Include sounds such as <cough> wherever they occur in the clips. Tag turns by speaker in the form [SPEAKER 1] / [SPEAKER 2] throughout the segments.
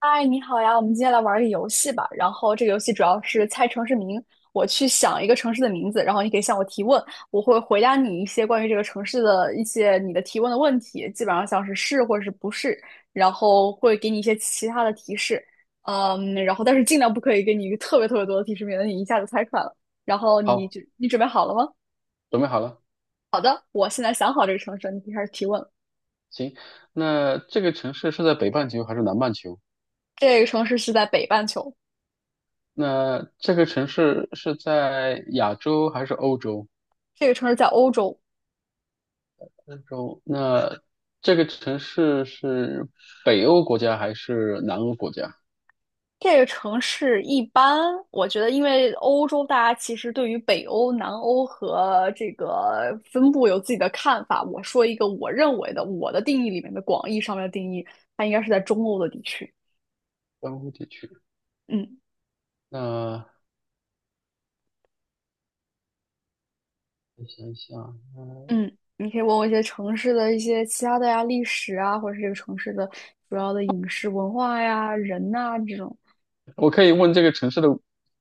[SPEAKER 1] 嗨，你好呀，我们今天来玩儿个游戏吧。然后这个游戏主要是猜城市名，我去想一个城市的名字，然后你可以向我提问，我会回答你一些关于这个城市的一些你的提问的问题，基本上像是是或者是不是，然后会给你一些其他的提示。然后但是尽量不可以给你一个特别特别多的提示，免得你一下子猜出来了。然后你
[SPEAKER 2] 好，
[SPEAKER 1] 就你准备好了吗？
[SPEAKER 2] 准备好了。
[SPEAKER 1] 我现在想好这个城市，你可以开始提问了。
[SPEAKER 2] 行，那这个城市是在北半球还是南半球？
[SPEAKER 1] 这个城市是在北半球，
[SPEAKER 2] 那这个城市是在亚洲还是欧洲？
[SPEAKER 1] 这个城市在欧洲。
[SPEAKER 2] 欧洲。那这个城市是北欧国家还是南欧国家？
[SPEAKER 1] 这个城市一般，我觉得，因为欧洲大家其实对于北欧、南欧和这个分布有自己的看法。我说一个我认为的，我的定义里面的广义上面的定义，它应该是在中欧的地区。
[SPEAKER 2] 南欧地区。
[SPEAKER 1] 嗯
[SPEAKER 2] 那我想一想，
[SPEAKER 1] 嗯，你可以问我一些城市的一些其他的呀，历史啊，或者是这个城市的主要的饮食文化呀、人呐、这种。
[SPEAKER 2] 我可以问这个城市的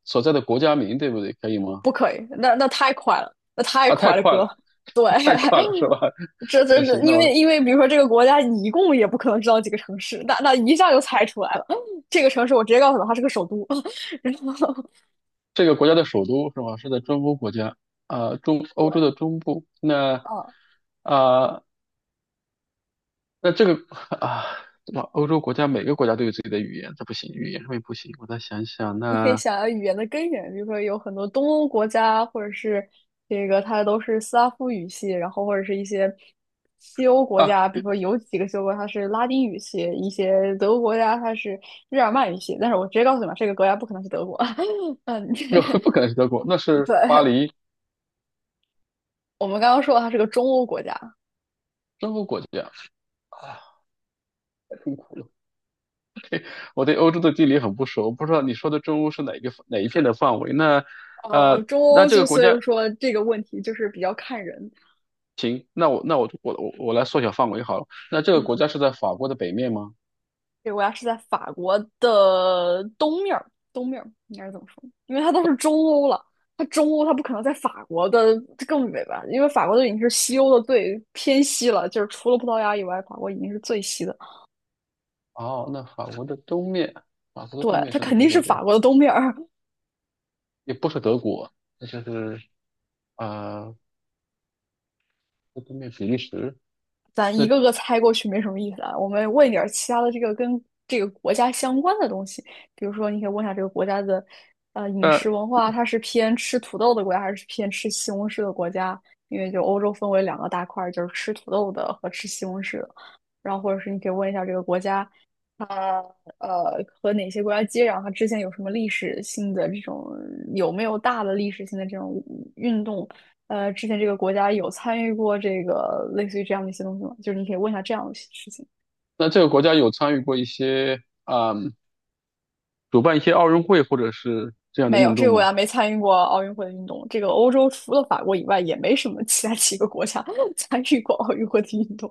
[SPEAKER 2] 所在的国家名，对不对？可以吗？
[SPEAKER 1] 不可以，那太快了，那太
[SPEAKER 2] 啊，太
[SPEAKER 1] 快了，
[SPEAKER 2] 快
[SPEAKER 1] 哥。
[SPEAKER 2] 了，
[SPEAKER 1] 对，
[SPEAKER 2] <laughs> 太快了，是吧？
[SPEAKER 1] <laughs> 这
[SPEAKER 2] <laughs> 那
[SPEAKER 1] 这这，
[SPEAKER 2] 行，那
[SPEAKER 1] 因
[SPEAKER 2] 我
[SPEAKER 1] 为因为比如说这个国家，你一共也不可能知道几个城市，那一下就猜出来了。这个城市我直接告诉他它是个首都，<laughs> 然后
[SPEAKER 2] 这个国家的首都是吧？是在中欧国家，啊，中欧洲的中部。那
[SPEAKER 1] 啊，
[SPEAKER 2] 啊、那这个 <laughs> 啊，对吧？欧洲国家每个国家都有自己的语言，这不行，语言上面不行。我再想想，
[SPEAKER 1] 你可以
[SPEAKER 2] 那
[SPEAKER 1] 想要语言的根源，比如说有很多东欧国家，或者是这个它都是斯拉夫语系，然后或者是一些西欧国
[SPEAKER 2] 啊，
[SPEAKER 1] 家，比如说有几个西欧国家它是拉丁语系，一些德国国家它是日耳曼语系。但是我直接告诉你吧，这个国家不可能是德国。<laughs> 嗯，
[SPEAKER 2] 这个 <laughs> 不可能是德国，那
[SPEAKER 1] <laughs>
[SPEAKER 2] 是
[SPEAKER 1] 对，
[SPEAKER 2] 巴黎，
[SPEAKER 1] 我们刚刚说它是个中欧国家。
[SPEAKER 2] 中欧国家啊，太痛苦了。我对欧洲的地理很不熟，不知道你说的中欧是哪一个哪一片的范围。那
[SPEAKER 1] 中
[SPEAKER 2] 那
[SPEAKER 1] 欧
[SPEAKER 2] 这
[SPEAKER 1] 就
[SPEAKER 2] 个国
[SPEAKER 1] 所
[SPEAKER 2] 家
[SPEAKER 1] 以说这个问题就是比较看人，
[SPEAKER 2] 行，那我那我我来缩小范围好了。那这个
[SPEAKER 1] 嗯。
[SPEAKER 2] 国家是在法国的北面吗？
[SPEAKER 1] 对，国家是在法国的东面儿，东面儿应该是怎么说？因为它都是中欧了，它中欧它不可能在法国的更北吧？因为法国都已经是西欧的最偏西了，就是除了葡萄牙以外，法国已经是最西的。
[SPEAKER 2] 哦，那法国的东面，法国的
[SPEAKER 1] 对，
[SPEAKER 2] 东面
[SPEAKER 1] 它
[SPEAKER 2] 是哪
[SPEAKER 1] 肯
[SPEAKER 2] 些
[SPEAKER 1] 定是
[SPEAKER 2] 国家？
[SPEAKER 1] 法国的东面儿，
[SPEAKER 2] 也不是德国，那就是啊，呃东面比利时。
[SPEAKER 1] 咱一
[SPEAKER 2] 那
[SPEAKER 1] 个个猜过去没什么意思啊。我们问一点儿其他的这个跟这个国家相关的东西，比如说你可以问一下这个国家的饮
[SPEAKER 2] 呃，
[SPEAKER 1] 食文化，它是偏吃土豆的国家还是偏吃西红柿的国家？因为就欧洲分为两个大块儿，就是吃土豆的和吃西红柿的。然后或者是你可以问一下这个国家。它和哪些国家接壤？它之前有什么历史性的这种有没有大的历史性的这种运动？之前这个国家有参与过这个类似于这样的一些东西吗？就是你可以问一下这样的事情。
[SPEAKER 2] 那这个国家有参与过一些啊、主办一些奥运会或者是这样的
[SPEAKER 1] 没有，
[SPEAKER 2] 运
[SPEAKER 1] 这个
[SPEAKER 2] 动
[SPEAKER 1] 国
[SPEAKER 2] 吗？
[SPEAKER 1] 家没参与过奥运会的运动。这个欧洲除了法国以外，也没什么其他几个国家 <laughs> 参与过奥运会的运动，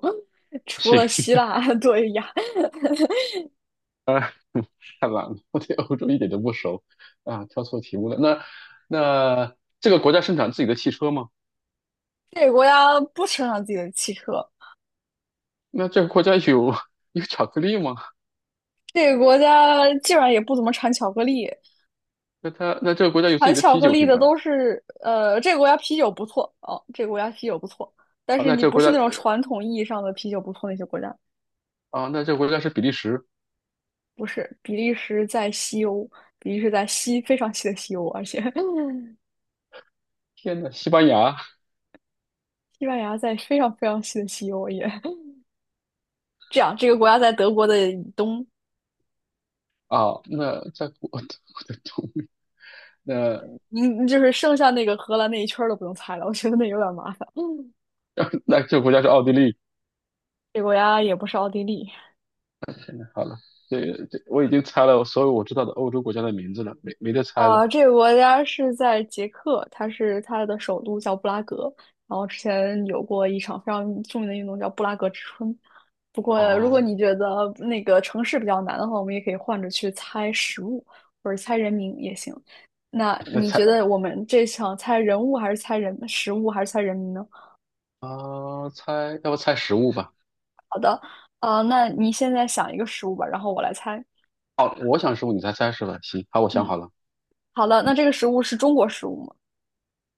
[SPEAKER 1] <laughs> 除
[SPEAKER 2] 行，
[SPEAKER 1] 了希腊。<laughs> 对呀，
[SPEAKER 2] 太懒了，我对欧洲一点都不熟啊，挑错题目了。那那这个国家生产自己的汽车吗？
[SPEAKER 1] 这个国家不生产自己的汽车，
[SPEAKER 2] 那这个国家有 <laughs> 有巧克力吗？
[SPEAKER 1] 这个国家基本上也不怎么产巧克力。
[SPEAKER 2] 那它那这个国家有自
[SPEAKER 1] 产
[SPEAKER 2] 己的
[SPEAKER 1] 巧
[SPEAKER 2] 啤
[SPEAKER 1] 克
[SPEAKER 2] 酒
[SPEAKER 1] 力
[SPEAKER 2] 品
[SPEAKER 1] 的
[SPEAKER 2] 牌
[SPEAKER 1] 都是，这个国家啤酒不错哦，这个国家啤酒不错，但
[SPEAKER 2] 啊？
[SPEAKER 1] 是
[SPEAKER 2] 那
[SPEAKER 1] 你
[SPEAKER 2] 这个
[SPEAKER 1] 不
[SPEAKER 2] 国
[SPEAKER 1] 是
[SPEAKER 2] 家
[SPEAKER 1] 那种传统意义上的啤酒不错那些国家，
[SPEAKER 2] 啊，那这个国家是比利时。
[SPEAKER 1] 不是。比利时在西欧，比利时在西非常西的西欧，而且 <laughs>
[SPEAKER 2] 天呐，西班牙。
[SPEAKER 1] 西班牙在非常非常西的西欧也这样。这个国家在德国的以东，
[SPEAKER 2] 啊，那在国 <laughs> 我的同那
[SPEAKER 1] 您就是剩下那个荷兰那一圈儿都不用猜了，我觉得那有点麻烦。
[SPEAKER 2] 那这个国家是奥地利。
[SPEAKER 1] 这个国家也不是奥地利，
[SPEAKER 2] 好了，这我已经猜了所有我知道的欧洲国家的名字了，没得猜了。
[SPEAKER 1] 啊，这个国家是在捷克，它是它的首都叫布拉格。然后之前有过一场非常著名的运动叫布拉格之春。不过，如
[SPEAKER 2] 啊，
[SPEAKER 1] 果你觉得那个城市比较难的话，我们也可以换着去猜食物或者猜人名也行。那
[SPEAKER 2] 那
[SPEAKER 1] 你
[SPEAKER 2] 猜
[SPEAKER 1] 觉得
[SPEAKER 2] <laughs>
[SPEAKER 1] 我们这场猜人物还是猜人食物还是猜人名呢？
[SPEAKER 2] 啊猜，要不猜食物吧？
[SPEAKER 1] 好的，那你现在想一个食物吧，然后我来猜。
[SPEAKER 2] 好，我想食物，你猜猜是吧？行，好，我想
[SPEAKER 1] 嗯，
[SPEAKER 2] 好了。
[SPEAKER 1] 好的，那这个食物是中国食物吗？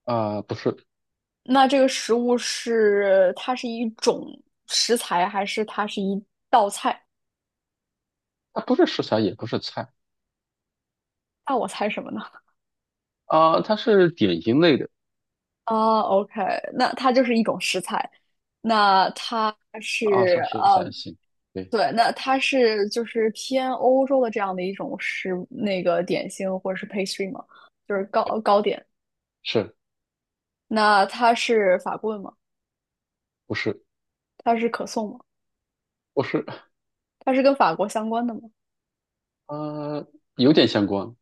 [SPEAKER 2] 啊、不是，
[SPEAKER 1] 那这个食物是它是一种食材，还是它是一道菜？
[SPEAKER 2] 它不是食材，也不是菜
[SPEAKER 1] 那我猜什么呢？
[SPEAKER 2] 啊、它是点心类的
[SPEAKER 1] <laughs> 啊，OK,那它就是一种食材。那它
[SPEAKER 2] 啊，像
[SPEAKER 1] 是
[SPEAKER 2] 食材。行，对，
[SPEAKER 1] 对，那它是就是偏欧洲的这样的一种食那个点心或者是 pastry 吗？就是糕糕点。
[SPEAKER 2] 是
[SPEAKER 1] 那它是法棍吗？
[SPEAKER 2] 不是？
[SPEAKER 1] 它是可颂吗？
[SPEAKER 2] 不是，
[SPEAKER 1] 它是跟法国相关的吗？
[SPEAKER 2] 呃，有点相关，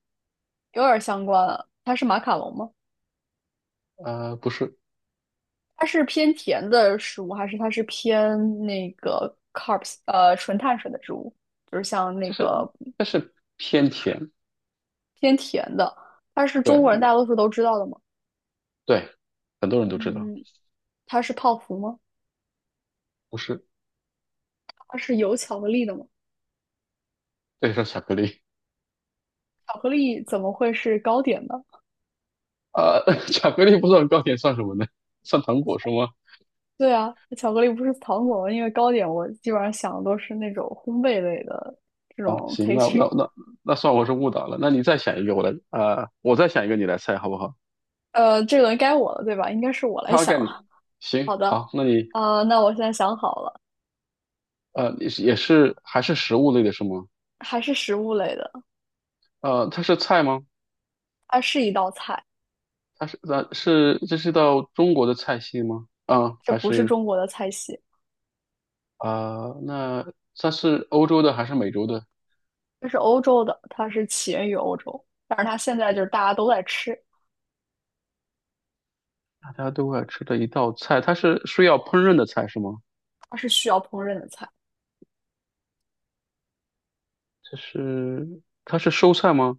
[SPEAKER 1] 有点儿相关啊。它是马卡龙吗？
[SPEAKER 2] 不是，
[SPEAKER 1] 它是偏甜的食物，还是它是偏那个 carbs 纯碳水的植物？就是像那
[SPEAKER 2] 就是
[SPEAKER 1] 个
[SPEAKER 2] 但是偏甜。
[SPEAKER 1] 偏甜的，它是中国人
[SPEAKER 2] 对。
[SPEAKER 1] 大多数都知道的吗？
[SPEAKER 2] 对，很多人都知道，
[SPEAKER 1] 嗯，它是泡芙吗？
[SPEAKER 2] 不是，
[SPEAKER 1] 它是有巧克力的吗？
[SPEAKER 2] 对，是巧克力
[SPEAKER 1] 巧克力怎么会是糕点呢？
[SPEAKER 2] 啊，<laughs> 巧克力不算糕点，算什么呢？算糖果是吗？
[SPEAKER 1] 对啊，巧克力不是糖果吗？因为糕点我基本上想的都是那种烘焙类的这
[SPEAKER 2] 啊，
[SPEAKER 1] 种
[SPEAKER 2] 行，那那
[SPEAKER 1] pastry。
[SPEAKER 2] 那那算我是误导了。那你再想一个，我来，我再想一个，你来猜好不好？
[SPEAKER 1] 这轮该我了，对吧？应该是我来想了。
[SPEAKER 2] 行，
[SPEAKER 1] 好的，
[SPEAKER 2] 好，那你，
[SPEAKER 1] 那我现在想好了，
[SPEAKER 2] 你是也是还是食物类的是吗？
[SPEAKER 1] 还是食物类的。
[SPEAKER 2] 它是菜吗？
[SPEAKER 1] 它是一道菜，
[SPEAKER 2] 它是咱是这是道中国的菜系吗？啊，
[SPEAKER 1] 这
[SPEAKER 2] 还
[SPEAKER 1] 不是
[SPEAKER 2] 是
[SPEAKER 1] 中国的菜系，
[SPEAKER 2] 啊、那它是欧洲的还是美洲的？
[SPEAKER 1] 这是欧洲的，它是起源于欧洲，但是它现在就是大家都在吃，
[SPEAKER 2] 大家都爱吃的一道菜，它是需要烹饪的菜是吗？
[SPEAKER 1] 它是需要烹饪的菜，
[SPEAKER 2] 它是蔬菜吗？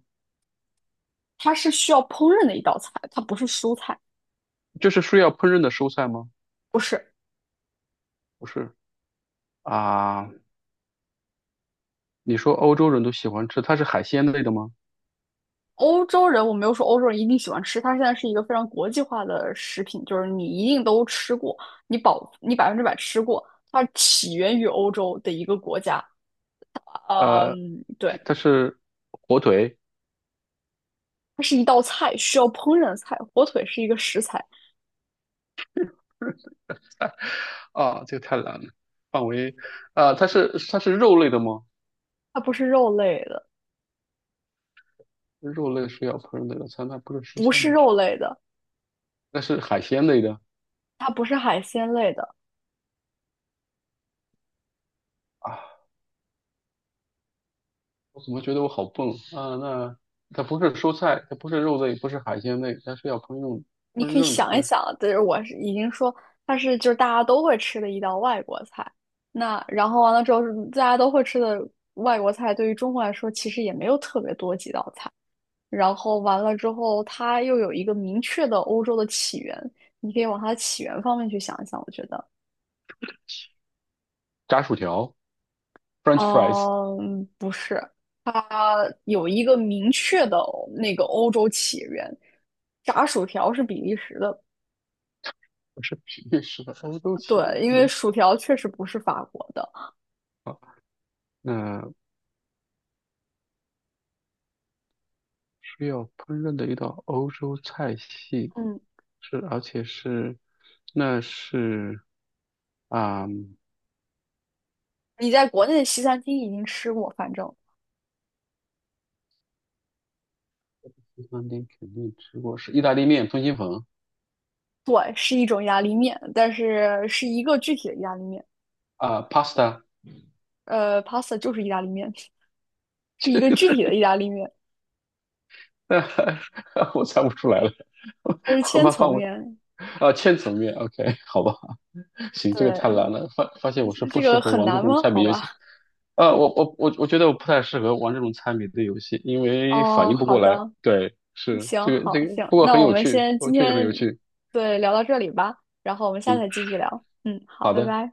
[SPEAKER 1] 它是需要烹饪的一道菜，它不是蔬菜，
[SPEAKER 2] 就是需要烹饪的蔬菜吗？
[SPEAKER 1] 不是。
[SPEAKER 2] 不是啊，你说欧洲人都喜欢吃，它是海鲜类的吗？
[SPEAKER 1] 欧洲人，我没有说欧洲人一定喜欢吃，它现在是一个非常国际化的食品，就是你一定都吃过，你保你100%吃过，它起源于欧洲的一个国家，
[SPEAKER 2] 呃，
[SPEAKER 1] 嗯，对，
[SPEAKER 2] 它是火腿
[SPEAKER 1] 它是一道菜，需要烹饪的菜，火腿是一个食材，
[SPEAKER 2] 啊，这个太难了，范围啊，它是肉类的吗？
[SPEAKER 1] 它不是肉类的。
[SPEAKER 2] 肉类是要烹饪的菜，那不是蔬
[SPEAKER 1] 不
[SPEAKER 2] 菜
[SPEAKER 1] 是
[SPEAKER 2] 吗？
[SPEAKER 1] 肉类的，
[SPEAKER 2] 那是海鲜类的
[SPEAKER 1] 它不是海鲜类的，
[SPEAKER 2] 啊，我怎么觉得我好笨啊？啊那它不是蔬菜，它不是肉类，不是海鲜类，它是要烹饪
[SPEAKER 1] 你可以
[SPEAKER 2] 的，
[SPEAKER 1] 想一
[SPEAKER 2] 那是
[SPEAKER 1] 想，就是我是已经说它是就是大家都会吃的一道外国菜。那然后完了之后大家都会吃的外国菜，对于中国来说其实也没有特别多几道菜。然后完了之后，它又有一个明确的欧洲的起源，你可以往它的起源方面去想一想。我觉得，
[SPEAKER 2] 炸薯条，French fries。
[SPEAKER 1] 嗯，不是，它有一个明确的那个欧洲起源。炸薯条是比利时的，
[SPEAKER 2] 我是比利时的欧洲起
[SPEAKER 1] 对，
[SPEAKER 2] 源。
[SPEAKER 1] 因为
[SPEAKER 2] 你
[SPEAKER 1] 薯条确实不是法国的。
[SPEAKER 2] 好，那需要烹饪的一道欧洲菜系
[SPEAKER 1] 嗯，
[SPEAKER 2] 是，而且是，那是啊，嗯
[SPEAKER 1] 你在国内的西餐厅已经吃过，反正
[SPEAKER 2] 西餐厅肯定吃过，是意大利面、通心粉
[SPEAKER 1] 对，是一种意大利面，但是是一个具体的意大利面。
[SPEAKER 2] 啊，pasta。
[SPEAKER 1] pasta 就是意大利面，是一个具体的意大利面，
[SPEAKER 2] <laughs> 我猜不出来了，
[SPEAKER 1] 它是
[SPEAKER 2] <laughs> 我
[SPEAKER 1] 千
[SPEAKER 2] 把
[SPEAKER 1] 层
[SPEAKER 2] 放围
[SPEAKER 1] 面。
[SPEAKER 2] 啊，千层面，OK,<laughs> 好吧，<laughs> 行，这个太
[SPEAKER 1] 对，
[SPEAKER 2] 难了，发现我是不
[SPEAKER 1] 这
[SPEAKER 2] 适
[SPEAKER 1] 个
[SPEAKER 2] 合
[SPEAKER 1] 很
[SPEAKER 2] 玩这
[SPEAKER 1] 难
[SPEAKER 2] 种
[SPEAKER 1] 吗？
[SPEAKER 2] 猜谜
[SPEAKER 1] 好
[SPEAKER 2] 游戏。
[SPEAKER 1] 吧。
[SPEAKER 2] 啊，我觉得我不太适合玩这种猜谜的游戏，因为反
[SPEAKER 1] 哦，
[SPEAKER 2] 应不
[SPEAKER 1] 好
[SPEAKER 2] 过来。
[SPEAKER 1] 的，
[SPEAKER 2] 对，是
[SPEAKER 1] 行，
[SPEAKER 2] 这个
[SPEAKER 1] 好，
[SPEAKER 2] 这个，
[SPEAKER 1] 行，
[SPEAKER 2] 不过
[SPEAKER 1] 那
[SPEAKER 2] 很
[SPEAKER 1] 我
[SPEAKER 2] 有
[SPEAKER 1] 们
[SPEAKER 2] 趣，
[SPEAKER 1] 先
[SPEAKER 2] 我
[SPEAKER 1] 今
[SPEAKER 2] 确实很
[SPEAKER 1] 天
[SPEAKER 2] 有趣。
[SPEAKER 1] 对聊到这里吧，然后我们下次再继续聊。嗯，好，
[SPEAKER 2] 好
[SPEAKER 1] 拜
[SPEAKER 2] 的。
[SPEAKER 1] 拜。